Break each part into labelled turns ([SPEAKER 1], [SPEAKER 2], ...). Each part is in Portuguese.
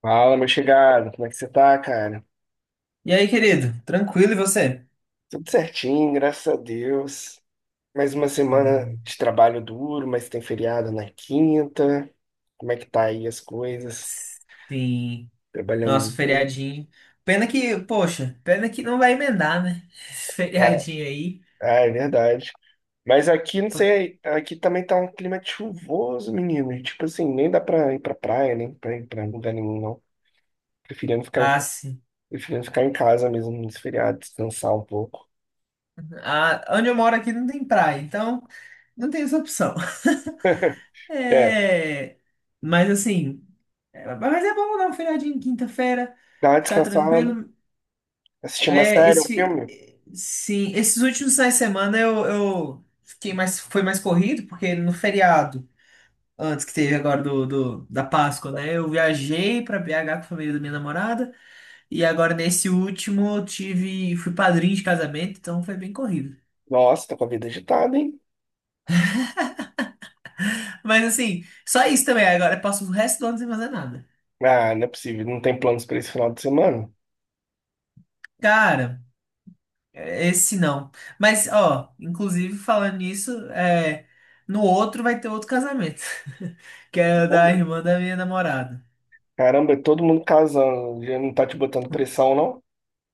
[SPEAKER 1] Fala, meu chegado, como é que você tá, cara?
[SPEAKER 2] E aí, querido? Tranquilo, e você?
[SPEAKER 1] Tudo certinho, graças a Deus. Mais uma semana
[SPEAKER 2] Maravilha.
[SPEAKER 1] de trabalho duro, mas tem feriado na quinta. Como é que tá aí as coisas?
[SPEAKER 2] Sim.
[SPEAKER 1] Trabalhando
[SPEAKER 2] Nossa,
[SPEAKER 1] muito.
[SPEAKER 2] feriadinho. Poxa, pena que não vai emendar, né? Esse
[SPEAKER 1] Ah,
[SPEAKER 2] feriadinho aí.
[SPEAKER 1] ah, é verdade. Mas aqui, não sei, aqui também tá um clima de chuvoso, menino. E, tipo assim, nem dá pra ir pra praia, nem pra ir pra lugar nenhum, não. Preferindo ficar em,
[SPEAKER 2] Ah, sim.
[SPEAKER 1] preferindo ficar em casa mesmo nesse feriado, descansar um pouco.
[SPEAKER 2] Ah, onde eu moro aqui não tem praia, então não tem essa opção.
[SPEAKER 1] É,
[SPEAKER 2] É. Mas assim, mas é bom dar um feriadinho em quinta-feira,
[SPEAKER 1] dá uma
[SPEAKER 2] ficar
[SPEAKER 1] descansada,
[SPEAKER 2] tranquilo.
[SPEAKER 1] assistir uma
[SPEAKER 2] É,
[SPEAKER 1] série, um filme.
[SPEAKER 2] sim, esses últimos finais de semana eu fiquei mais, foi mais corrido, porque no feriado. Antes que teve agora da Páscoa, né? Eu viajei pra BH com a família da minha namorada, e agora nesse último eu fui padrinho de casamento, então foi bem corrido.
[SPEAKER 1] Nossa, tá com a vida agitada, hein?
[SPEAKER 2] Mas assim, só isso também. Agora eu passo o resto do ano sem fazer nada.
[SPEAKER 1] Ah, não é possível. Não tem planos pra esse final de semana?
[SPEAKER 2] Cara, esse não. Mas ó, inclusive falando nisso, no outro vai ter outro casamento, que é o
[SPEAKER 1] Não,
[SPEAKER 2] da
[SPEAKER 1] meu.
[SPEAKER 2] irmã da minha namorada.
[SPEAKER 1] Caramba, é todo mundo casando. Já não tá te botando pressão, não?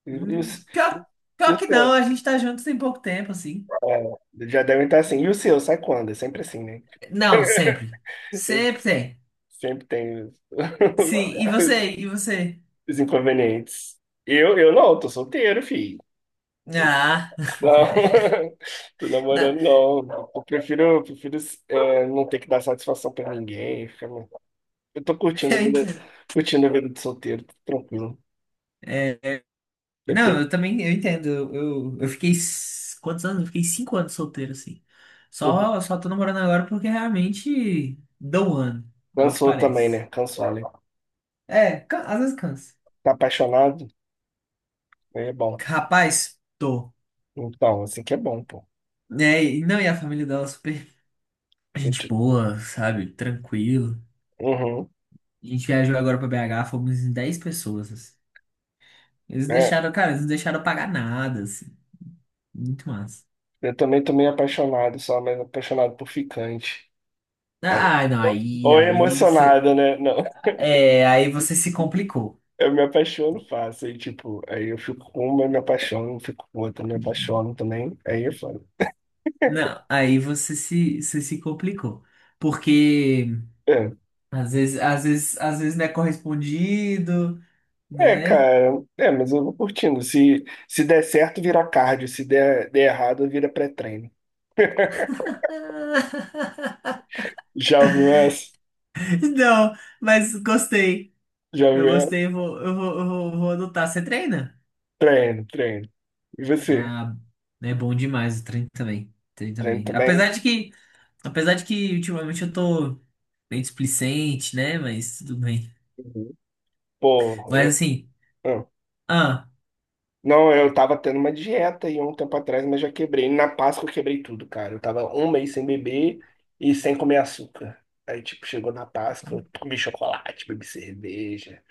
[SPEAKER 1] E, e o,
[SPEAKER 2] Hum,
[SPEAKER 1] s-
[SPEAKER 2] pior,
[SPEAKER 1] e
[SPEAKER 2] pior
[SPEAKER 1] o
[SPEAKER 2] que não,
[SPEAKER 1] seu?
[SPEAKER 2] a gente tá junto tem pouco tempo, assim.
[SPEAKER 1] É, já devem estar assim. E o seu? Sai quando? É sempre assim, né?
[SPEAKER 2] Não, sempre.
[SPEAKER 1] Eu
[SPEAKER 2] Sempre tem.
[SPEAKER 1] sempre tenho os
[SPEAKER 2] Sim, e você? E você?
[SPEAKER 1] os inconvenientes. Eu não, tô solteiro, filho.
[SPEAKER 2] Ah,
[SPEAKER 1] Não, tô
[SPEAKER 2] não,
[SPEAKER 1] namorando, não. Eu prefiro não ter que dar satisfação pra ninguém. Ficar Eu tô
[SPEAKER 2] eu entendo.
[SPEAKER 1] curtindo a vida de solteiro, tô tranquilo.
[SPEAKER 2] É,
[SPEAKER 1] Eu
[SPEAKER 2] não,
[SPEAKER 1] tenho.
[SPEAKER 2] eu também eu entendo. Eu fiquei. Quantos anos? Eu fiquei 5 anos solteiro, assim.
[SPEAKER 1] Uhum.
[SPEAKER 2] Só tô namorando agora porque realmente dou um ano. É o que
[SPEAKER 1] Cansou também,
[SPEAKER 2] parece.
[SPEAKER 1] né? Cansou, né?
[SPEAKER 2] É, às vezes cansa.
[SPEAKER 1] Tá apaixonado? Aí é bom.
[SPEAKER 2] Rapaz, tô.
[SPEAKER 1] Então, assim que é bom, pô.
[SPEAKER 2] É, e não, e a família dela é super
[SPEAKER 1] Eu
[SPEAKER 2] gente
[SPEAKER 1] te-
[SPEAKER 2] boa, sabe? Tranquilo.
[SPEAKER 1] Uhum.
[SPEAKER 2] A gente viajou agora pra BH, fomos em 10 pessoas, assim.
[SPEAKER 1] É,
[SPEAKER 2] Cara, eles não deixaram eu pagar nada, assim. Muito massa.
[SPEAKER 1] eu também tô meio apaixonado, só mais apaixonado por ficante. Aí-
[SPEAKER 2] Ah, não,
[SPEAKER 1] Ou
[SPEAKER 2] aí,
[SPEAKER 1] ou é
[SPEAKER 2] aí, cê-
[SPEAKER 1] emocionado, né? Não.
[SPEAKER 2] é, aí você se complicou.
[SPEAKER 1] Eu me apaixono fácil. Aí, tipo, aí eu fico com uma, eu me apaixono, fico com outra, me apaixono também. Aí eu falo.
[SPEAKER 2] Não, aí você se complicou. Porque às vezes não é correspondido,
[SPEAKER 1] É,
[SPEAKER 2] né?
[SPEAKER 1] cara, é, mas eu vou curtindo. Se der certo, vira cardio. Se der errado, vira pré-treino. Já ouviu essa?
[SPEAKER 2] Não, mas gostei.
[SPEAKER 1] Já
[SPEAKER 2] Eu
[SPEAKER 1] ouviu
[SPEAKER 2] gostei,
[SPEAKER 1] essa?
[SPEAKER 2] vou adotar. Você treina?
[SPEAKER 1] Treino, treino. E você?
[SPEAKER 2] Ah, é bom demais o treino também. Treino
[SPEAKER 1] Treino
[SPEAKER 2] também.
[SPEAKER 1] também?
[SPEAKER 2] Apesar de que ultimamente eu tô meio displicente, né? Mas tudo bem.
[SPEAKER 1] Uhum. Pô,
[SPEAKER 2] Mas
[SPEAKER 1] eu,
[SPEAKER 2] assim,
[SPEAKER 1] ah.
[SPEAKER 2] ah.
[SPEAKER 1] não, eu tava tendo uma dieta aí um tempo atrás, mas já quebrei. Na Páscoa eu quebrei tudo, cara. Eu tava um mês sem beber e sem comer açúcar. Aí, tipo, chegou na Páscoa, eu comi chocolate, bebi cerveja.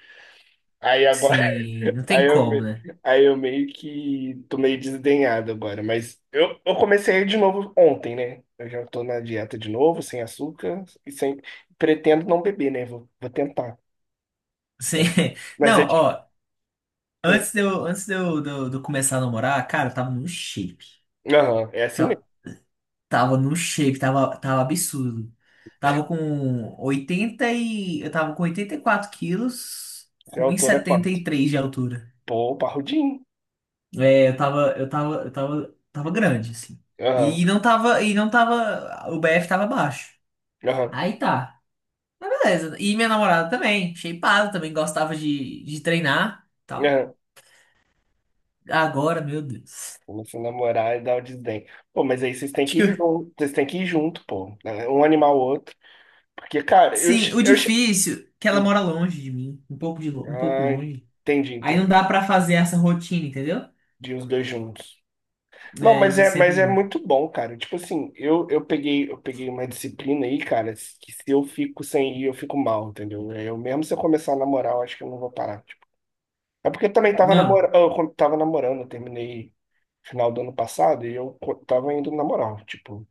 [SPEAKER 1] Aí agora.
[SPEAKER 2] Sim, não
[SPEAKER 1] Aí
[SPEAKER 2] tem
[SPEAKER 1] eu,
[SPEAKER 2] como,
[SPEAKER 1] me-
[SPEAKER 2] né?
[SPEAKER 1] aí eu meio que tô meio desdenhado agora, mas eu comecei de novo ontem, né? Eu já tô na dieta de novo, sem açúcar e sem. Pretendo não beber, né? Vou tentar.
[SPEAKER 2] Sim.
[SPEAKER 1] Mas, mas
[SPEAKER 2] Não,
[SPEAKER 1] é difícil.
[SPEAKER 2] ó, antes de eu, de eu- de eu começar a namorar, cara, eu tava num shape.
[SPEAKER 1] Aham, é assim mesmo.
[SPEAKER 2] Tava, tava num shape, tava absurdo. Tava com 80 e... Eu tava com 84 quilos,
[SPEAKER 1] Você é
[SPEAKER 2] com um e
[SPEAKER 1] autor é
[SPEAKER 2] setenta
[SPEAKER 1] quanto?
[SPEAKER 2] e três de altura.
[SPEAKER 1] Pô, parrudinho.
[SPEAKER 2] É, eu tava grande, assim.
[SPEAKER 1] Aham,
[SPEAKER 2] E não tava, o BF tava baixo.
[SPEAKER 1] aham,
[SPEAKER 2] Aí tá. Mas beleza. E minha namorada também, shapeada, também gostava de treinar.
[SPEAKER 1] aham.
[SPEAKER 2] Agora, meu Deus.
[SPEAKER 1] Começa a namorar e dá o desdém. Pô, mas aí vocês têm
[SPEAKER 2] Acho
[SPEAKER 1] que
[SPEAKER 2] que
[SPEAKER 1] ir
[SPEAKER 2] eu-
[SPEAKER 1] junto, vocês têm que ir junto, pô, né? Um animal o outro. Porque, cara, eu.
[SPEAKER 2] sim,
[SPEAKER 1] che-
[SPEAKER 2] o
[SPEAKER 1] eu che-
[SPEAKER 2] difícil é que ela
[SPEAKER 1] Hum,
[SPEAKER 2] mora longe de mim, um pouco
[SPEAKER 1] Ah,
[SPEAKER 2] longe.
[SPEAKER 1] entendi,
[SPEAKER 2] Aí não
[SPEAKER 1] entendi.
[SPEAKER 2] dá pra fazer essa rotina, entendeu?
[SPEAKER 1] De os dois juntos. Não,
[SPEAKER 2] É,
[SPEAKER 1] mas
[SPEAKER 2] de
[SPEAKER 1] é, mas
[SPEAKER 2] sempre
[SPEAKER 1] é
[SPEAKER 2] junto.
[SPEAKER 1] muito bom, cara. Tipo assim, eu peguei uma disciplina aí, cara, que se eu fico sem ir, eu fico mal, entendeu? É, eu mesmo se eu começar a namorar, eu acho que eu não vou parar. Tipo. É porque eu também tava
[SPEAKER 2] Não.
[SPEAKER 1] namorando, eu tava namorando, eu terminei final do ano passado e tava indo na moral, tipo,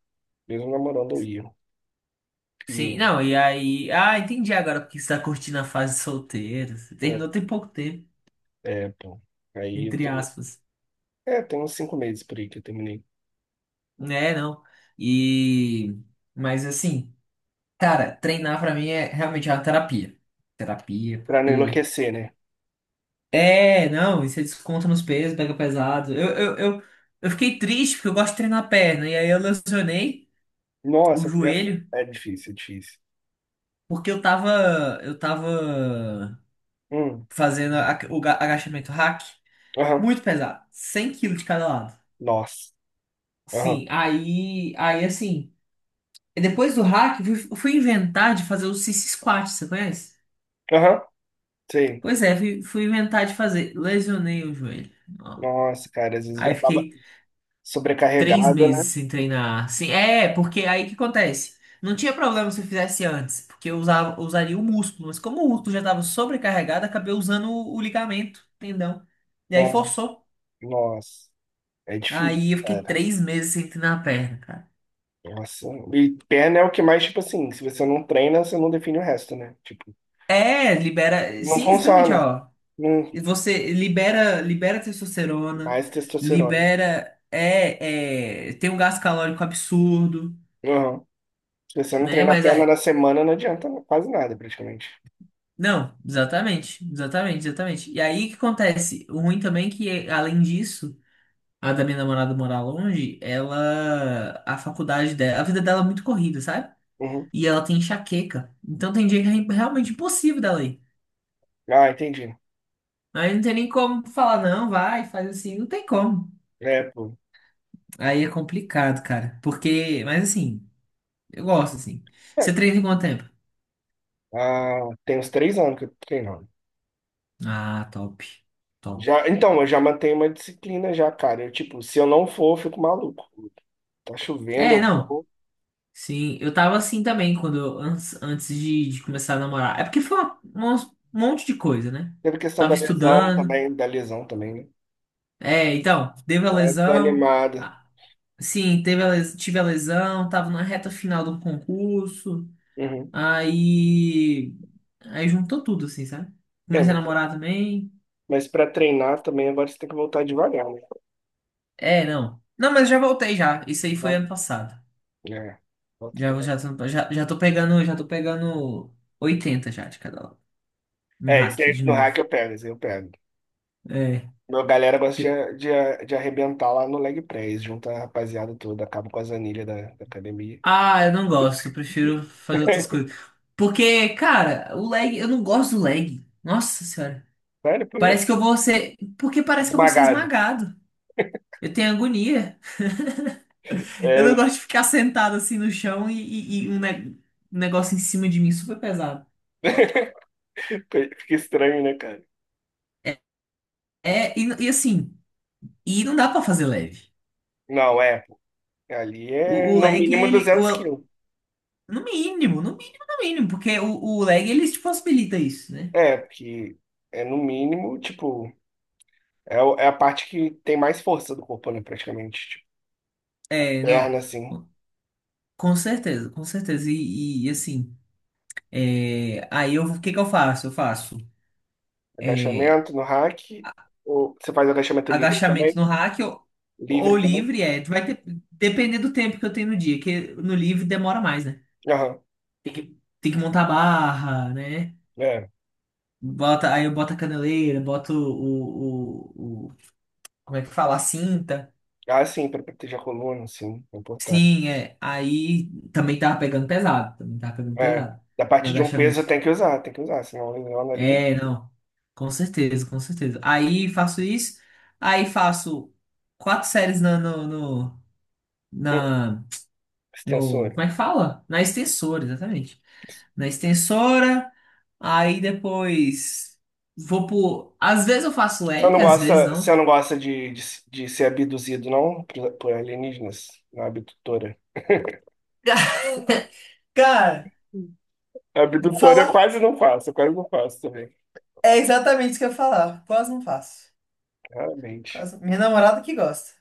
[SPEAKER 1] mesmo namorando eu ia.
[SPEAKER 2] Sim,
[SPEAKER 1] E
[SPEAKER 2] não, e aí, ah, entendi agora porque você tá curtindo a fase solteira. Você terminou
[SPEAKER 1] é,
[SPEAKER 2] tem pouco tempo,
[SPEAKER 1] pô, aí eu
[SPEAKER 2] entre
[SPEAKER 1] tô,
[SPEAKER 2] aspas.
[SPEAKER 1] tem uns 5 meses por aí que eu terminei.
[SPEAKER 2] Né, não. E mas assim, cara, treinar pra mim é realmente uma terapia. Terapia,
[SPEAKER 1] Pra não
[SPEAKER 2] porque.
[SPEAKER 1] enlouquecer, né?
[SPEAKER 2] É, não, e você desconta nos pesos, pega pesado. Eu fiquei triste porque eu gosto de treinar a perna. E aí eu lesionei o
[SPEAKER 1] Nossa,
[SPEAKER 2] joelho
[SPEAKER 1] é difícil.
[SPEAKER 2] porque eu tava
[SPEAKER 1] Hum,
[SPEAKER 2] fazendo o agachamento hack
[SPEAKER 1] aham,
[SPEAKER 2] muito pesado, 100 quilos de cada lado.
[SPEAKER 1] nossa, aham.
[SPEAKER 2] Sim, aí assim, depois do hack, eu fui inventar de fazer o sissy squat, você conhece?
[SPEAKER 1] Aham. Sei.
[SPEAKER 2] Pois é, fui inventar de fazer. Lesionei o joelho. Ó.
[SPEAKER 1] Nossa, cara, às vezes já
[SPEAKER 2] Aí
[SPEAKER 1] tava
[SPEAKER 2] fiquei Três
[SPEAKER 1] sobrecarregada,
[SPEAKER 2] meses
[SPEAKER 1] né?
[SPEAKER 2] sem treinar. Sim, é, porque aí o que acontece? Não tinha problema se eu fizesse antes, porque eu usava, eu usaria o músculo, mas como o músculo já estava sobrecarregado, acabei usando o ligamento, tendão. E aí
[SPEAKER 1] Nossa,
[SPEAKER 2] forçou.
[SPEAKER 1] nossa. É difícil,
[SPEAKER 2] Aí eu fiquei
[SPEAKER 1] cara.
[SPEAKER 2] 3 meses sem treinar a perna, cara.
[SPEAKER 1] Nossa. E perna é o que mais, tipo assim, se você não treina, você não define o resto, né? Tipo,
[SPEAKER 2] É, libera.
[SPEAKER 1] não
[SPEAKER 2] Sim, exatamente,
[SPEAKER 1] funciona.
[SPEAKER 2] ó.
[SPEAKER 1] Hum,
[SPEAKER 2] Você libera, libera testosterona,
[SPEAKER 1] mais testosterona.
[SPEAKER 2] libera. É, tem um gasto calórico absurdo,
[SPEAKER 1] Uhum. Se você não
[SPEAKER 2] né?
[SPEAKER 1] treinar a
[SPEAKER 2] Mas.
[SPEAKER 1] perna na semana, não adianta quase nada, praticamente.
[SPEAKER 2] Não, exatamente, exatamente, exatamente. E aí o que acontece? O ruim também é que, além disso, a da minha namorada morar longe, ela, a faculdade dela, a vida dela é muito corrida, sabe?
[SPEAKER 1] Uhum.
[SPEAKER 2] E ela tem enxaqueca. Então tem dia que é realmente impossível dela ir.
[SPEAKER 1] Ah, entendi.
[SPEAKER 2] Aí não tem nem como falar, não, vai, faz assim, não tem como.
[SPEAKER 1] É, pô.
[SPEAKER 2] Aí é complicado, cara. Mas assim, eu gosto assim.
[SPEAKER 1] É.
[SPEAKER 2] Você treina em quanto tempo?
[SPEAKER 1] Ah, tem uns 3 anos que eu tô treinando.
[SPEAKER 2] Ah, top, top.
[SPEAKER 1] Já, então, eu já mantenho uma disciplina já, cara. Eu, tipo, se eu não for, eu fico maluco. Tá chovendo,
[SPEAKER 2] É,
[SPEAKER 1] eu
[SPEAKER 2] não.
[SPEAKER 1] vou.
[SPEAKER 2] Sim, eu tava assim também quando antes de começar a namorar. É porque foi um monte de coisa, né?
[SPEAKER 1] Teve questão
[SPEAKER 2] Tava estudando.
[SPEAKER 1] da lesão também, né?
[SPEAKER 2] É, então, teve a
[SPEAKER 1] Tá
[SPEAKER 2] lesão.
[SPEAKER 1] desanimada.
[SPEAKER 2] Ah, sim, tive a lesão, tava na reta final do concurso.
[SPEAKER 1] Uhum.
[SPEAKER 2] Aí, aí juntou tudo assim, sabe?
[SPEAKER 1] É,
[SPEAKER 2] Comecei a
[SPEAKER 1] mas,
[SPEAKER 2] namorar também.
[SPEAKER 1] mas para treinar também agora você tem que voltar devagar, né?
[SPEAKER 2] É, não. Não, mas já voltei já. Isso aí foi
[SPEAKER 1] Tá?
[SPEAKER 2] ano passado.
[SPEAKER 1] É, volta
[SPEAKER 2] Já já
[SPEAKER 1] devagar.
[SPEAKER 2] tô- já, já tô pegando, já tô pegando 80 já de cada lado no
[SPEAKER 1] É,
[SPEAKER 2] hack
[SPEAKER 1] isso aí
[SPEAKER 2] de
[SPEAKER 1] no hack
[SPEAKER 2] novo.
[SPEAKER 1] eu pego, isso aí eu pego.
[SPEAKER 2] É.
[SPEAKER 1] Meu galera gosta de arrebentar lá no leg press, junta a rapaziada toda, acaba com as anilhas da academia.
[SPEAKER 2] Ah, eu não gosto, eu prefiro fazer outras coisas. Porque, cara, o lag, eu não gosto do lag. Nossa senhora.
[SPEAKER 1] Sério, por quê?
[SPEAKER 2] Parece que eu vou ser. Porque parece que eu vou ser
[SPEAKER 1] Esmagado.
[SPEAKER 2] esmagado. Eu tenho agonia. Eu
[SPEAKER 1] É,
[SPEAKER 2] não
[SPEAKER 1] né?
[SPEAKER 2] gosto de ficar sentado assim no chão e um negócio em cima de mim super pesado.
[SPEAKER 1] Fica estranho, né, cara?
[SPEAKER 2] É, e assim, e não dá pra fazer leve.
[SPEAKER 1] Não, é. Ali
[SPEAKER 2] O,
[SPEAKER 1] é
[SPEAKER 2] o
[SPEAKER 1] no
[SPEAKER 2] lag,
[SPEAKER 1] mínimo 200 quilos.
[SPEAKER 2] no mínimo, no mínimo, no mínimo. Porque o lag, ele te possibilita isso, né?
[SPEAKER 1] É, porque é no mínimo, tipo, é a parte que tem mais força do corpo, né, praticamente. Tipo,
[SPEAKER 2] É, não.
[SPEAKER 1] perna, assim.
[SPEAKER 2] Com certeza, com certeza. E, assim. É, o que que eu faço? Eu faço é,
[SPEAKER 1] Agachamento no rack. Ou você faz agachamento livre
[SPEAKER 2] agachamento
[SPEAKER 1] também?
[SPEAKER 2] no rack ou
[SPEAKER 1] Livre também?
[SPEAKER 2] livre, vai depender do tempo que eu tenho no dia, que no livre demora mais, né?
[SPEAKER 1] Aham.
[SPEAKER 2] Tem que montar a barra, né?
[SPEAKER 1] É.
[SPEAKER 2] Bota, aí eu boto a caneleira, boto, como é que fala? A cinta.
[SPEAKER 1] Ah, sim, pra proteger a coluna, sim, é importante.
[SPEAKER 2] Sim, é. Aí também tava pegando pesado, também tava pegando
[SPEAKER 1] É.
[SPEAKER 2] pesado
[SPEAKER 1] Da
[SPEAKER 2] no
[SPEAKER 1] parte de um peso
[SPEAKER 2] agachamento.
[SPEAKER 1] tem que usar, senão lesiona ali.
[SPEAKER 2] É, não. Com certeza, com certeza. Aí faço isso. Aí faço quatro séries na, no, no,
[SPEAKER 1] Hum,
[SPEAKER 2] na, no.
[SPEAKER 1] extensor.
[SPEAKER 2] Como é que fala? Na extensora, exatamente. Na extensora. Aí depois vou por. Às vezes eu faço
[SPEAKER 1] Você
[SPEAKER 2] leg,
[SPEAKER 1] não
[SPEAKER 2] às vezes
[SPEAKER 1] gosta,
[SPEAKER 2] não.
[SPEAKER 1] você não gosta de ser abduzido, não? Por alienígenas, na abdutora.
[SPEAKER 2] Cara,
[SPEAKER 1] Abdutor eu
[SPEAKER 2] falar
[SPEAKER 1] quase não faço, eu quase não faço também,
[SPEAKER 2] é exatamente isso que eu ia falar. Quase não faço.
[SPEAKER 1] realmente.
[SPEAKER 2] Minha namorada que gosta.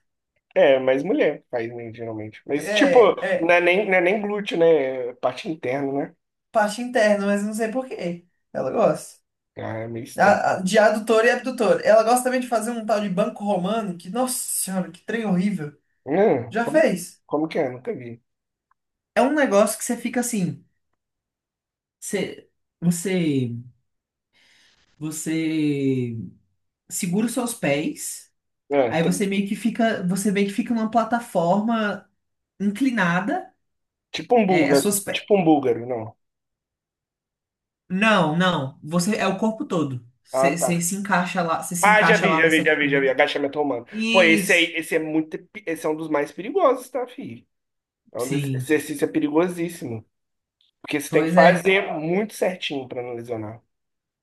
[SPEAKER 1] É, mas mulher faz, né, geralmente. Mas, tipo,
[SPEAKER 2] É,
[SPEAKER 1] não
[SPEAKER 2] é
[SPEAKER 1] é nem, não é nem glúteo, né? É parte interna, né?
[SPEAKER 2] parte interna, mas não sei por quê. Ela gosta.
[SPEAKER 1] Ah, é meio estranho.
[SPEAKER 2] De adutor e abdutor. Ela gosta também de fazer um tal de banco romano, que, nossa senhora, que trem horrível.
[SPEAKER 1] Hum,
[SPEAKER 2] Já
[SPEAKER 1] como,
[SPEAKER 2] fez?
[SPEAKER 1] como que é? Nunca vi.
[SPEAKER 2] É um negócio que você fica assim, você, você, você segura os seus pés,
[SPEAKER 1] Ah,
[SPEAKER 2] aí
[SPEAKER 1] tá-
[SPEAKER 2] você meio que fica numa plataforma inclinada,
[SPEAKER 1] tipo um
[SPEAKER 2] as
[SPEAKER 1] búlgaro.
[SPEAKER 2] suas pés.
[SPEAKER 1] Tipo um búlgaro, não.
[SPEAKER 2] Não, não, você é o corpo todo.
[SPEAKER 1] Ah,
[SPEAKER 2] Você
[SPEAKER 1] tá.
[SPEAKER 2] se encaixa lá,
[SPEAKER 1] Ah, já vi, já vi,
[SPEAKER 2] nesse
[SPEAKER 1] já vi, já vi.
[SPEAKER 2] equipamento.
[SPEAKER 1] Agachamento romano. Pô, esse aí,
[SPEAKER 2] Isso,
[SPEAKER 1] esse é um dos mais perigosos, tá, filho? Esse
[SPEAKER 2] sim.
[SPEAKER 1] exercício é perigosíssimo. Porque você tem que
[SPEAKER 2] Pois é.
[SPEAKER 1] fazer muito certinho pra não lesionar.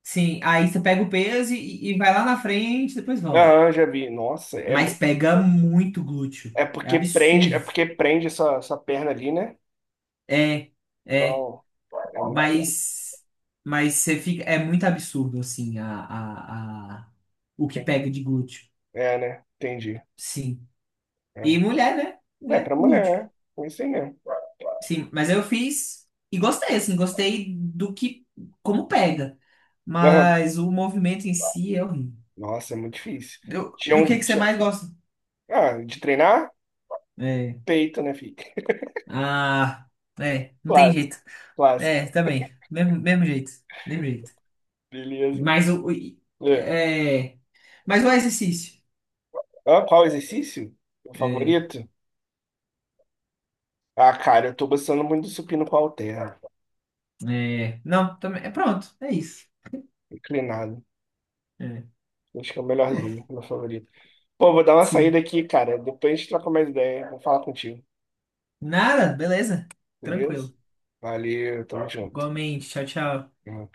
[SPEAKER 2] Sim, aí você pega o peso e vai lá na frente, depois volta.
[SPEAKER 1] Aham, já vi. Nossa, é.
[SPEAKER 2] Mas pega muito glúteo.
[SPEAKER 1] É
[SPEAKER 2] É
[SPEAKER 1] porque prende, é
[SPEAKER 2] absurdo.
[SPEAKER 1] porque prende essa perna ali, né?
[SPEAKER 2] É, é,
[SPEAKER 1] Não, é muito.
[SPEAKER 2] mas, mas você fica. É muito absurdo, assim, o que
[SPEAKER 1] tem-
[SPEAKER 2] pega de glúteo.
[SPEAKER 1] é, né? Entendi.
[SPEAKER 2] Sim. E
[SPEAKER 1] É,
[SPEAKER 2] mulher, né?
[SPEAKER 1] é
[SPEAKER 2] Mulher,
[SPEAKER 1] pra
[SPEAKER 2] glúteo.
[SPEAKER 1] mulher, né? É isso aí mesmo.
[SPEAKER 2] Sim, mas eu fiz e gostei, assim, gostei como pega.
[SPEAKER 1] Aham.
[SPEAKER 2] Mas o movimento em si é horrível.
[SPEAKER 1] Nossa, é muito difícil.
[SPEAKER 2] Do,
[SPEAKER 1] Tinha
[SPEAKER 2] do
[SPEAKER 1] um,
[SPEAKER 2] que você
[SPEAKER 1] tinha um-
[SPEAKER 2] mais gosta?
[SPEAKER 1] Ah, de treinar?
[SPEAKER 2] É.
[SPEAKER 1] Peito, né, filho?
[SPEAKER 2] Ah, é, não tem
[SPEAKER 1] Clássico,
[SPEAKER 2] jeito. É,
[SPEAKER 1] clássico.
[SPEAKER 2] também. Mesmo, mesmo jeito. Mesmo jeito.
[SPEAKER 1] Beleza.
[SPEAKER 2] Mas o. o-
[SPEAKER 1] É.
[SPEAKER 2] É, mas o exercício.
[SPEAKER 1] Ah, qual exercício? Meu
[SPEAKER 2] É,
[SPEAKER 1] favorito? Ah, cara, eu tô gostando muito do supino com halter.
[SPEAKER 2] é, não, também. É pronto. É isso.
[SPEAKER 1] Inclinado.
[SPEAKER 2] É,
[SPEAKER 1] Acho que é o melhorzinho, meu favorito. Pô, vou dar uma saída
[SPEAKER 2] sim.
[SPEAKER 1] aqui, cara. Depois a gente troca mais ideia. Vou falar contigo.
[SPEAKER 2] Nada, beleza.
[SPEAKER 1] Beleza?
[SPEAKER 2] Tranquilo.
[SPEAKER 1] Valeu, tamo junto.
[SPEAKER 2] Igualmente. Tchau, tchau.
[SPEAKER 1] Uhum.